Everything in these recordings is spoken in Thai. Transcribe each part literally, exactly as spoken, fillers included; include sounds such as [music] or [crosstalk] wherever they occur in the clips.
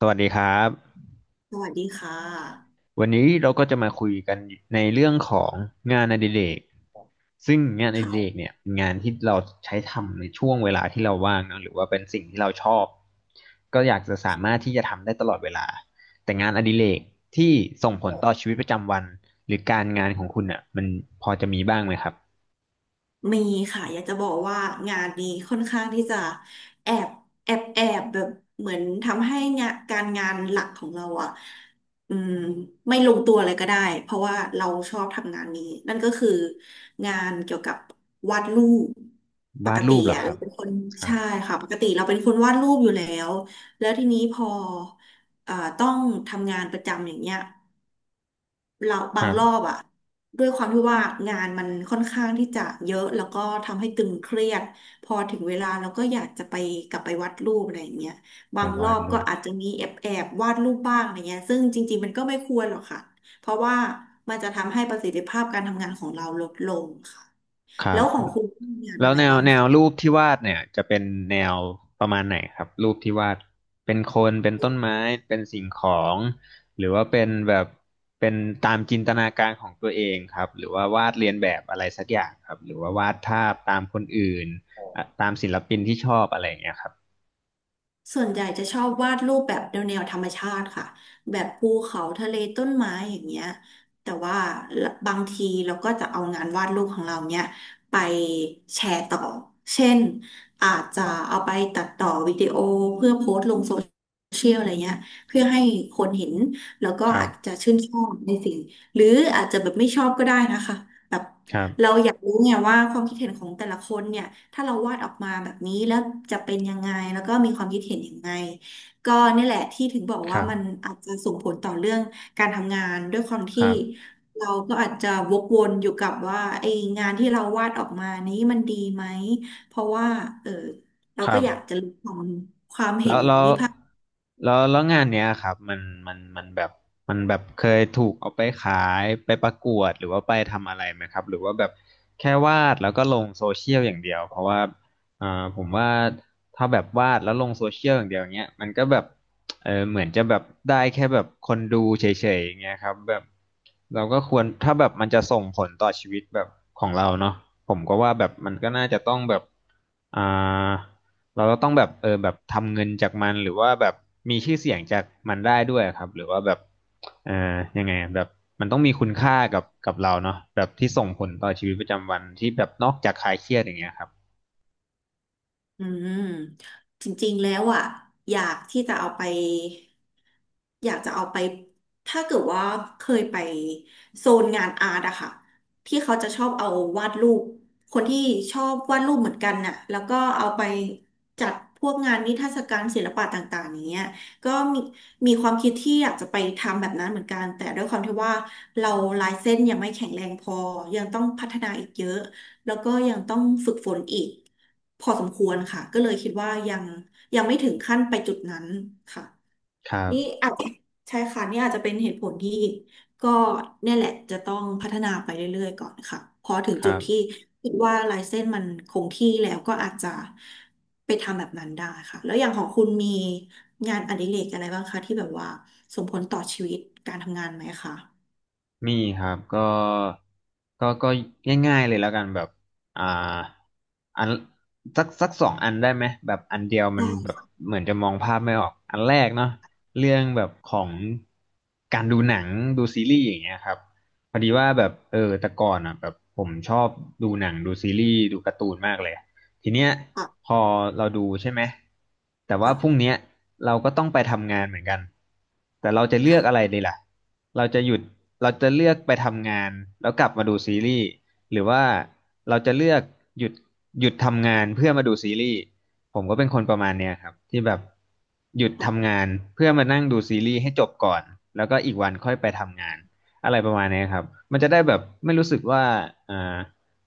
สวัสดีครับสวัสดีค่ะวันนี้เราก็จะมาคุยกันในเรื่องของงานอดิเรกซึ่งงานอดิเรค่ะกเนี่ยเป็นงานที่เราใช้ทำในช่วงเวลาที่เราว่างเนอะหรือว่าเป็นสิ่งที่เราชอบก็อยากจะสามารถที่จะทำได้ตลอดเวลาแต่งานอดิเรกที่ส่งผลต่อชีวิตประจำวันหรือการงานของคุณอ่ะมันพอจะมีบ้างไหมครับมีค่ะอยากจะบอกว่างานนี้ค่อนข้างที่จะแอบแอบแอบแบบเหมือนทำให้งานการงานหลักของเราอ่ะอืมไม่ลงตัวเลยก็ได้เพราะว่าเราชอบทำงานนี้นั่นก็คืองานเกี่ยวกับวาดรูปปวากดติรูปเหรออ่ะครัเราบเป็นคนครับใช่ค่ะปกติเราเป็นคนวาดรูปอยู่แล้วแล้วทีนี้พอเอ่อต้องทำงานประจำอย่างเงี้ย เราคบางรัรอบบอะด้วยความที่ว่างานมันค่อนข้างที่จะเยอะแล้วก็ทำให้ตึงเครียดพอถึงเวลาเราก็อยากจะไปกลับไปวาดรูปอะไรอย่างเงี้ยบาแต่งรวาอดบรูก็ปอาจจะมีแอบแอบวาดรูปบ้างอะไรเงี้ยซึ่งจริงๆมันก็ไม่ควรหรอกค่ะเพราะว่ามันจะทำให้ประสิทธิภาพการทำงานของเราลดลงค่ะคแล้รัวบ ของคุณมีงานแล้อะวไรแนวบ้าง แนวรูปที่วาดเนี่ยจะเป็นแนวประมาณไหนครับรูปที่วาดเป็นคนเป็นต้นไม้เป็นสิ่งของหรือว่าเป็นแบบเป็นตามจินตนาการของตัวเองครับหรือว่าวาดเรียนแบบอะไรสักอย่างครับหรือว่าวาดภาพตามคนอื่นอ่ะตามศิลปินที่ชอบอะไรอย่างเงี้ยครับส่วนใหญ่จะชอบวาดรูปแบบแนวแนวธรรมชาติค่ะแบบภูเขาทะเลต้นไม้อย่างเงี้ยแต่ว่าบางทีเราก็จะเอางานวาดรูปของเราเนี้ยไปแชร์ต่อเช่นอาจจะเอาไปตัดต่อวิดีโอเพื่อโพสต์ลงโซเชียลอะไรเงี้ยเพื่อให้คนเห็นแล้วก็ครัอาจจะบชื่นชอบในสิ่งหรืออาจจะแบบไม่ชอบก็ได้นะคะแบบ ครับเราอยากรู้ไงว่าความคิดเห็นของแต่ละคนเนี่ยถ้าเราวาดออกมาแบบนี้แล้วจะเป็นยังไงแล้วก็มีความคิดเห็นยังไงก็นี่แหละที่ถึงบอกคว่ารับมันอาจจะส่งผลต่อเรื่องการทำงานด้วยความคที่รับเราก็อาจจะวกวนอยู่กับว่าไอ้งานที่เราวาดออกมานี้มันดีไหมเพราะว่าเออคเรารัก็บ อยากจะรู้ของ แล้วแล้วแล้วแล้วงานเนี้ยครับมันมันมันแบบมันแบบเคยถูกเอาไปขายไปประกวดหรือว่าไปทำอะไรไหมครับหรือว่าแบบแค่วาดแล้วก็ลงโซเชียลอย่างเดียวเพราะว่าอ่าผมว่าถ้าแบบวาดแล้วลงโซเชียลอย่างเดียวเนี้ยมันก็แบบเออเหมือนจะแบบได้แค่แบบคนดูเฉยๆอย่างเงี้ยครับแบบเราก็ควรถ้าแบบมันจะส่งผลต่อชีวิตแบบของเราเนาะผมก็ว่าแบบมันก็น่าจะต้องแบบอ่า เราก็ต้องแบบเออแบบทำเงินจากมันหรือว่าแบบมีชื่อเสียงจากมันได้ด้วยครับหรือว่าแบบเออยังไงอะแบบมันต้องมีคุณค่ากับกับเราเนาะแบบที่ส่งผลต่อชีวิตประจำวันที่แบบนอกจากคลายเครียดอย่างเงี้ยครับอืมจริงๆ แล้วอ่ะอยากที่จะเอาไปอยากจะเอาไปถ้าเกิดว่าเคยไปโซนงานอาร์ตอะค่ะที่เขาจะชอบเอาวาดรูปคนที่ชอบวาดรูปเหมือนกันน่ะแล้วก็เอาไปจัดพวกงานนิทรรศการศิลปะต่างๆอย่างเงี้ยก็มีมีความคิดที่อยากจะไปทำแบบนั้นเหมือนกันแต่ด้วยความที่ว่าเราลายเส้นยังไม่แข็งแรงพอยังต้องพัฒนาอีกเยอะ แล้วก็ยังต้องฝึกฝนอีกพอสมควรค่ะก็เลยคิดว่ายังยังไม่ถึงขั้นไปจุดนั้นค่ะครับนี่อาจใช่ค่ะนี่อาจจะเป็นเหตุผลที่ก็เนี่ยแหละจะต้องพัฒนาไปเรื่อยๆก่อนค่ะพอถึงครัจุดที่บ คิดว่าลายเส้นมันคงที่แล้วก็อาจจะไปทำแบบนั้นได้ค่ะแล้วอย่างของคุณมีงานอดิเรกอะไรบ้างคะที่แบบว่าส่งผลต่อชีวิตการทำงานไหมคะมีครับก็ก็ก็ง่ายๆเลยแล้วกันแบบอ่าอันสักสักสองอันได้ไหมแบบอันเดียวมันแบได้บเหมือนจะมองภาพไม่ออกอันแรกเนาะเรื่องแบบของการดูหนังดูซีรีส์อย่างเงี้ยครับพอดีว่าแบบเออแต่ก่อนอ่ะแบบผมชอบดูหนังดูซีรีส์ดูการ์ตูนมากเลยทีเนี้ยค่ะพอเราดูใช่ไหมแต่ว่าพรุ่งเนี้ค่ะยเราก็ต้องไปทำงานเหมือนกันแต่เราจะเลือค่ะกอะไรดีล่ะ เราจะหยุดเราจะเลือกไปทำงานแล้วกลับมาดูซีรีส์หรือว่าเราจะเลือกหยุดหยุดทำงานเพื่อมาดูซีรีส์ผมก็เป็นคนประมาณเนี้ยครับที่แบบหยุดค่ะทำงานเพื่อมานั่งดูซีรีส์ให้จบก่อนแล้วก็อีกวันค่อยไปทำงานอะไรประมาณเนี้ยครับมันจะได้แบบไม่รู้สึกว่าอ่า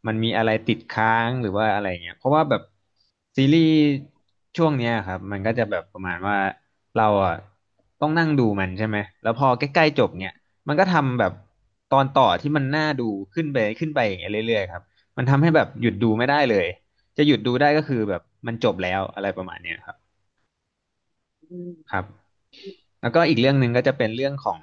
มันมีอะไรติดค้างหรือว่าอะไรเงี้ยเพราะว่าแบบซีรีส์ช่วงเนี้ยครับมันก็จะแบบประมาณว่าเราอ่ะต้องนั่งดูมันใช่ไหมแล้วพอใกล้ๆจบเนี่ย มันก็ทำแบบตอนต่อที่มันน่าดูขึ้นไปขึ้นไปอย่างเงี้ยเรื่อยๆครับ มันทำให้แบบหยุดดูไม่ได้เลย จะหยุดดูได้ก็คือแบบมันจบแล้วอะไรประมาณเนี้ยครับอืคม รับ แล้วก็อีกเรื่องหนึ่งก็จะเป็นเรื่องของ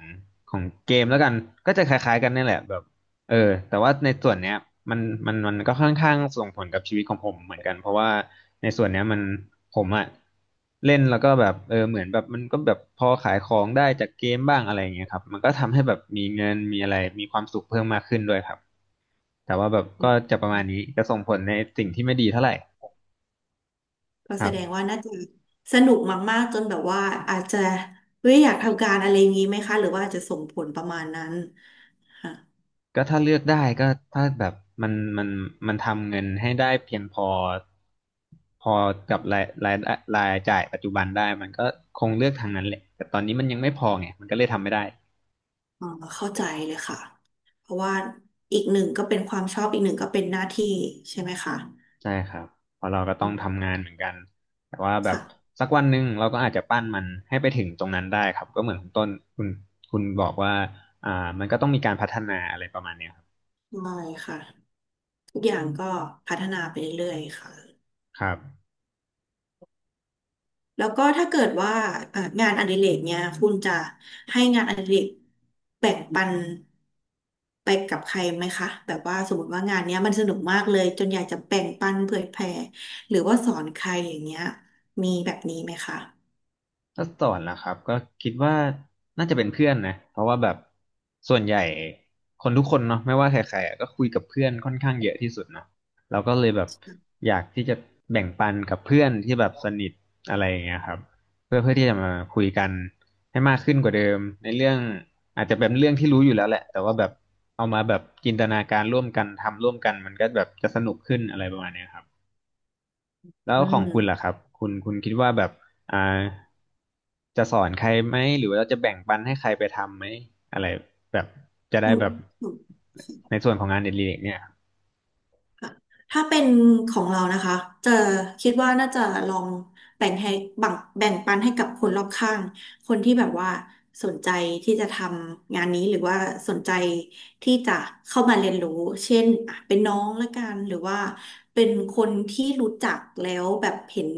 ของเกมแล้วกันก็จะคล้ายๆกันนี่แหละแบบเออแต่ว่าในส่วนเนี้ยมันมันมันก็ค่อนข้างส่งผลกับชีวิตของผมเหมือนกันเพราะว่าในส่วนเนี้ยมันผมอะเล่นแล้วก็แบบเออเหมือนแบบมันก็แบบพอขายของได้จากเกมบ้างอะไรอย่างเงี้ยครับมันก็ทำให้แบบมีเงินมีอะไรมีความสุขเพิ่มมากขึ้นด้วยครับแต่ว่าแบบก็จะประมาณนี้จะส่งผลในสิ่งที่ไม่ดีเท่าไหร่ก็คแสรัดงบ ว่าน่าจะสนุกมากๆจนแบบว่าอาจจะเฮ้ยอยากทำการอะไรอย่างนี้ไหมคะหรือว่าอาจจะส่งผลประมาณนั้นค่ะก็ถ้าเลือกได้ก็ถ้าแบบมันมันมันทำเงินให้ได้เพียงพอพอกับรายรายรายจ่ายปัจจุบันได้มันก็คงเลือกทางนั้นแหละแต่ตอนนี้มันยังไม่พอไงมันก็เลยทำไม่ได้อ๋อเข้าใจเลยค่ะเพราะว่าอีกหนึ่งก็เป็นความชอบอีกหนึ่งก็เป็นหน้าที่ใช่ไหมคะใช่ครับเพราะเราก็ต้องทำงานเหมือนกันแต่ว่าแบบค่ะสักวันหนึ่งเราก็อาจจะปั้นมันให้ไปถึงตรงนั้นได้ครับก็เหมือนคุณต้นคุณคุณบอกว่าอ่ามันก็ต้องมีการพัฒนาอะไรประมาณเนี้ยครับได้ค่ะทุกอย่างก็พัฒนาไปเรื่อยๆค่ะ ครับ แล้วก็ถ้าเกิดว่าเอ่องานอดิเรกเนี่ยคุณจะให้งานอดิเรกแบ่งปันไปกับใครไหมคะแบบว่าสมมติว่างานเนี้ยมันสนุกมากเลยจนอยากจะแบ่งปันเผยแพร่หรือว่าสอนใครอย่างเงี้ยมีแบบนี้ไหมคะถ้าสอนนะครับก็คิดว่าน่าจะเป็นเพื่อนนะเพราะว่าแบบส่วนใหญ่คนทุกคนเนาะไม่ว่าใครๆอะก็คุยกับเพื่อนค่อนข้างเยอะที่สุดเนาะเราก็เลยแบบอยากที่จะแบ่งปันกับเพื่อนที่แบบสนิทอะไรอย่างเงี้ยครับเพื่อเพื่อที่จะมาคุยกันให้มากขึ้นกว่าเดิมในเรื่องอาจจะเป็นเรื่องที่รู้อยู่แล้วแหละแต่ว่าแบบเอามาแบบจินตนาการร่วมกันทำร่วมกันมันก็แบบจะสนุกขึ้นอะไรประมาณเนี้ยครับ แล้อืวของคุณล่ะมครับคุณคุณคิดว่าแบบอ่าจะสอนใครไหมหรือว่าเราจะแบ่งปันให้ใครไปทำไหมอะไรแบบจะได้อืแบบม ในส่วนของงานเด็ดเล็กเนี่ยถ้าเป็นของเรานะคะจะคิดว่าน่าจะลองแบ่งให้แบ่งแบ่งปันให้กับคนรอบข้างคนที่แบบว่าสนใจที่จะทำงานนี้หรือว่าสนใจที่จะเข้ามาเรียนรู้เช่นอ่ะเป็นน้องละกันหรือว่าเป็นคนที่รู้จักแล้วแบบเห็น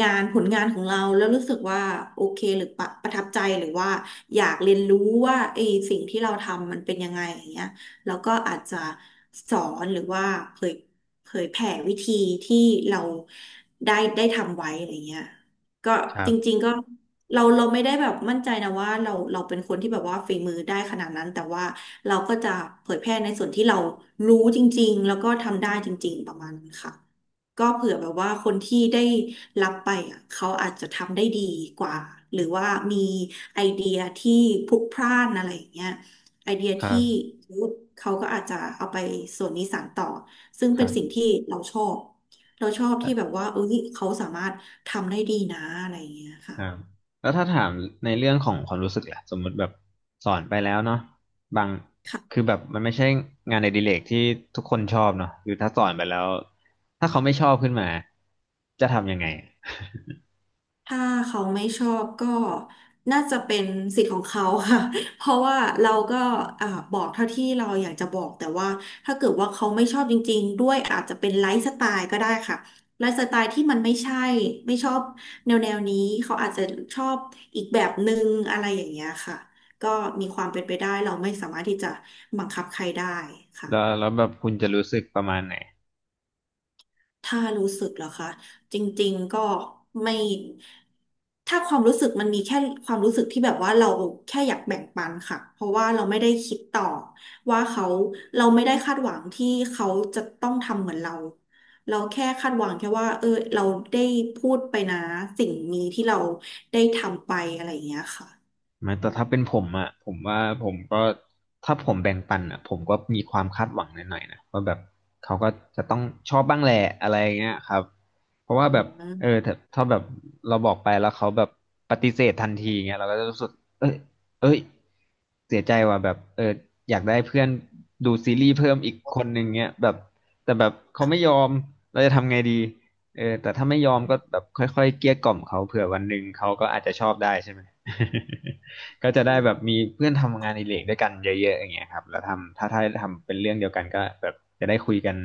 งานผลงานของเราแล้วรู้สึกว่าโอเคหรือประประทับใจหรือว่าอยากเรียนรู้ว่าไอ้สิ่งที่เราทำมันเป็นยังไงอย่างเงี้ย แล้วก็อาจจะสอนหรือว่าเผยเผยแผ่วิธีที่เราได้ได้ทำไว้อะไรเงี้ยก็ครัจริงบๆก็เราเราไม่ได้แบบมั่นใจนะว่าเราเราเป็นคนที่แบบว่าฝีมือได้ขนาดนั้นแต่ว่าเราก็จะเผยแพร่ในส่วนที่เรารู้จริงๆแล้วก็ทำได้จริงๆประมาณนั้นค่ะก็เผื่อแบบว่าคนที่ได้รับไปอ่ะเขาอาจจะทำได้ดีกว่าหรือว่ามีไอเดียที่พลุกพล่านอะไรอย่างเงี้ย ไอเดียครัที่บเขาก็อาจจะเอาไปส่วนนี้สานต่อซึ่งคเป็นรับสิ่งที่เราชอบเราชอบครัที่แบบบว่าเอ้ยเขาสามารถทำได้ดีนะอะไรอย่างเงี้ยค่ะ ครับแล้วถ้าถามในเรื่องของความรู้สึกล่ะสมมุติแบบสอนไปแล้วเนาะบางคือแบบมันไม่ใช่งานอดิเรกที่ทุกคนชอบเนาะคือถ้าสอนไปแล้วถ้าเขาไม่ชอบขึ้นมาจะทำยังไงถ้าเขาไม่ชอบก็น่าจะเป็นสิทธิ์ของเขาค่ะ [laughs] เพราะว่าเราก็อ่าบอกเท่าที่เราอยากจะบอกแต่ว่าถ้าเกิดว่าเขาไม่ชอบจริงๆด้วยอาจจะเป็นไลฟ์สไตล์ก็ได้ค่ะไลฟ์สไตล์ที่มันไม่ใช่ไม่ชอบแนวแนวนี้เขาอาจจะชอบอีกแบบหนึ่งอะไรอย่างเงี้ยค่ะก็มีความเป็นไปได้เราไม่สามารถที่จะบังคับใครได้ค่ะ แล้วแล้วแบบคุณจะรู้สึกประมาณไหน ถ้ารู้สึกเหรอคะจริงๆก็ไม่ถ้าความรู้สึกมันมีแค่ความรู้สึกที่แบบว่าเราแค่อยากแบ่งปันค่ะเพราะว่าเราไม่ได้คิดต่อว่าเขาเราไม่ได้คาดหวังที่เขาจะต้องทำเหมือนเราเราแค่คาดหวังแค่ว่าเออเราได้พูดไปนะสิ่งนี้ที่เราได้ทำไปอะไรอย่างเงี้ยค่ะไม่อืแต่มถ้าเป็นผมอ่ะผมว่าผมก็ถ้าผมแบ่งปันอ่ะผมก็มีความคาดหวังหน่อยๆนะว่าแบบเขาก็จะต้องชอบบ้างแหละอะไรเงี้ยครับเพราะว่าอืแบบมเออถ้าถ้าแบบเราบอกไปแล้วเขาแบบปฏิเสธทันทีเงี้ยเราก็จะรู้สึกเอ้ยเอ้ยเสียใจว่ะแบบเอออยากได้เพื่อนดูซีรีส์เพิ่มอีกคนหนึ่งเงี้ยแบบแต่แบบเขาไม่ยอมเราจะทำไงดีเออแต่ถ้าไม่ยอมก็แบบค่อยๆเกลี้ยกล่อมเขาเผื่อวันหนึ่งเขาก็อาจจะชอบได้ใช่ไหม [laughs] ก็จะได้แบบมีเพื่อนทำงานอดิเรกด้วยกันเยอะๆอย่างเงี้ยครับแล้วทำถ้าถ้าทำเป็นเรื่องเดียวกันก็แบบจะได้คุยกัน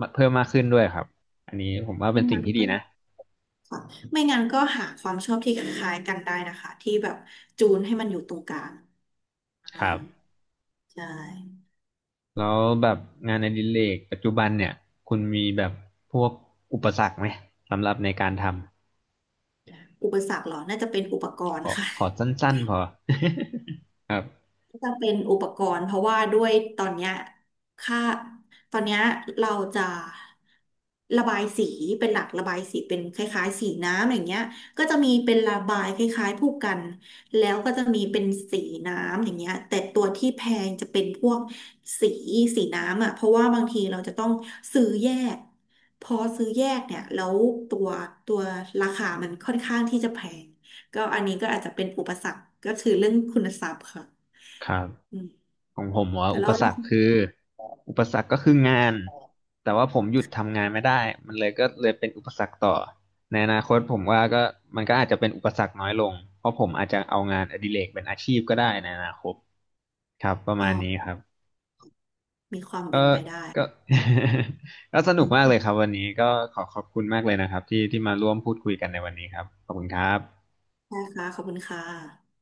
มาเพิ่มมากขึ้นด้วยครับอันนี้ผมว่าเป็ไม่นสิ่งงั้นที่ดีก็นะไม่งั้นก็หาความชอบที่คล้ายๆกันได้นะคะที่แบบจูนให้มันอยู่ตรงกลางอ่า ครับใช่แล้วแบบงานอดิเรกปัจจุบันเนี่ยคุณมีแบบพวกอุปสรรคไหมสำหรับในการทำอุปสรรคเหรอ น่าจะเป็นอุปกรขณ์อค่ะ ขอสั้นๆพอ [laughs] ครับ จะเป็นอุปกรณ์เพราะว่าด้วยตอนเนี้ยค่าตอนเนี้ยเราจะระบายสีเป็นหลักระบายสีเป็นคล้ายๆสีน้ำอย่างเงี้ยก็จะมีเป็นระบายคล้ายๆผู้กันแล้วก็จะมีเป็นสีน้ำอย่างเงี้ยแต่ตัวที่แพงจะเป็นพวกสีสีน้ำอ่ะเพราะว่าบางทีเราจะต้องซื้อแยกพอซื้อแยกเนี่ยแล้วตัวตัวราคามันค่อนข้างที่จะแพงก็อันนี้ก็อาจจะเป็นอุปสรรคก็คือเรื่องคุณทรัพย์ค่ะ ครับอืมของผมว่าแต่อุแล้ปวสรเนาะรคคืออุปสรรคก็คืองานแต่ว่าผมหยุดทำงานไม่ได้มันเลยก็เลยเป็นอุปสรรคต่อในอนาคตผมว่าก็มันก็อาจจะเป็นอุปสรรคน้อยลงเพราะผมอาจจะเอางานอดิเรกเป็นอาชีพก็ได้ในอนาคตครับประอ๋อมาณนี้ครับมีความเป็ก็นไปได้ ก็ [laughs] ก็ส [laughs] นุอืกมมากเลยครับวันนี้ก็ขอขอบคุณมากเลยนะครับที่ที่มาร่วมพูดคุยกันในวันนี้ครับขอบคุณครับใช่ค่ะขอบคุณค่ะ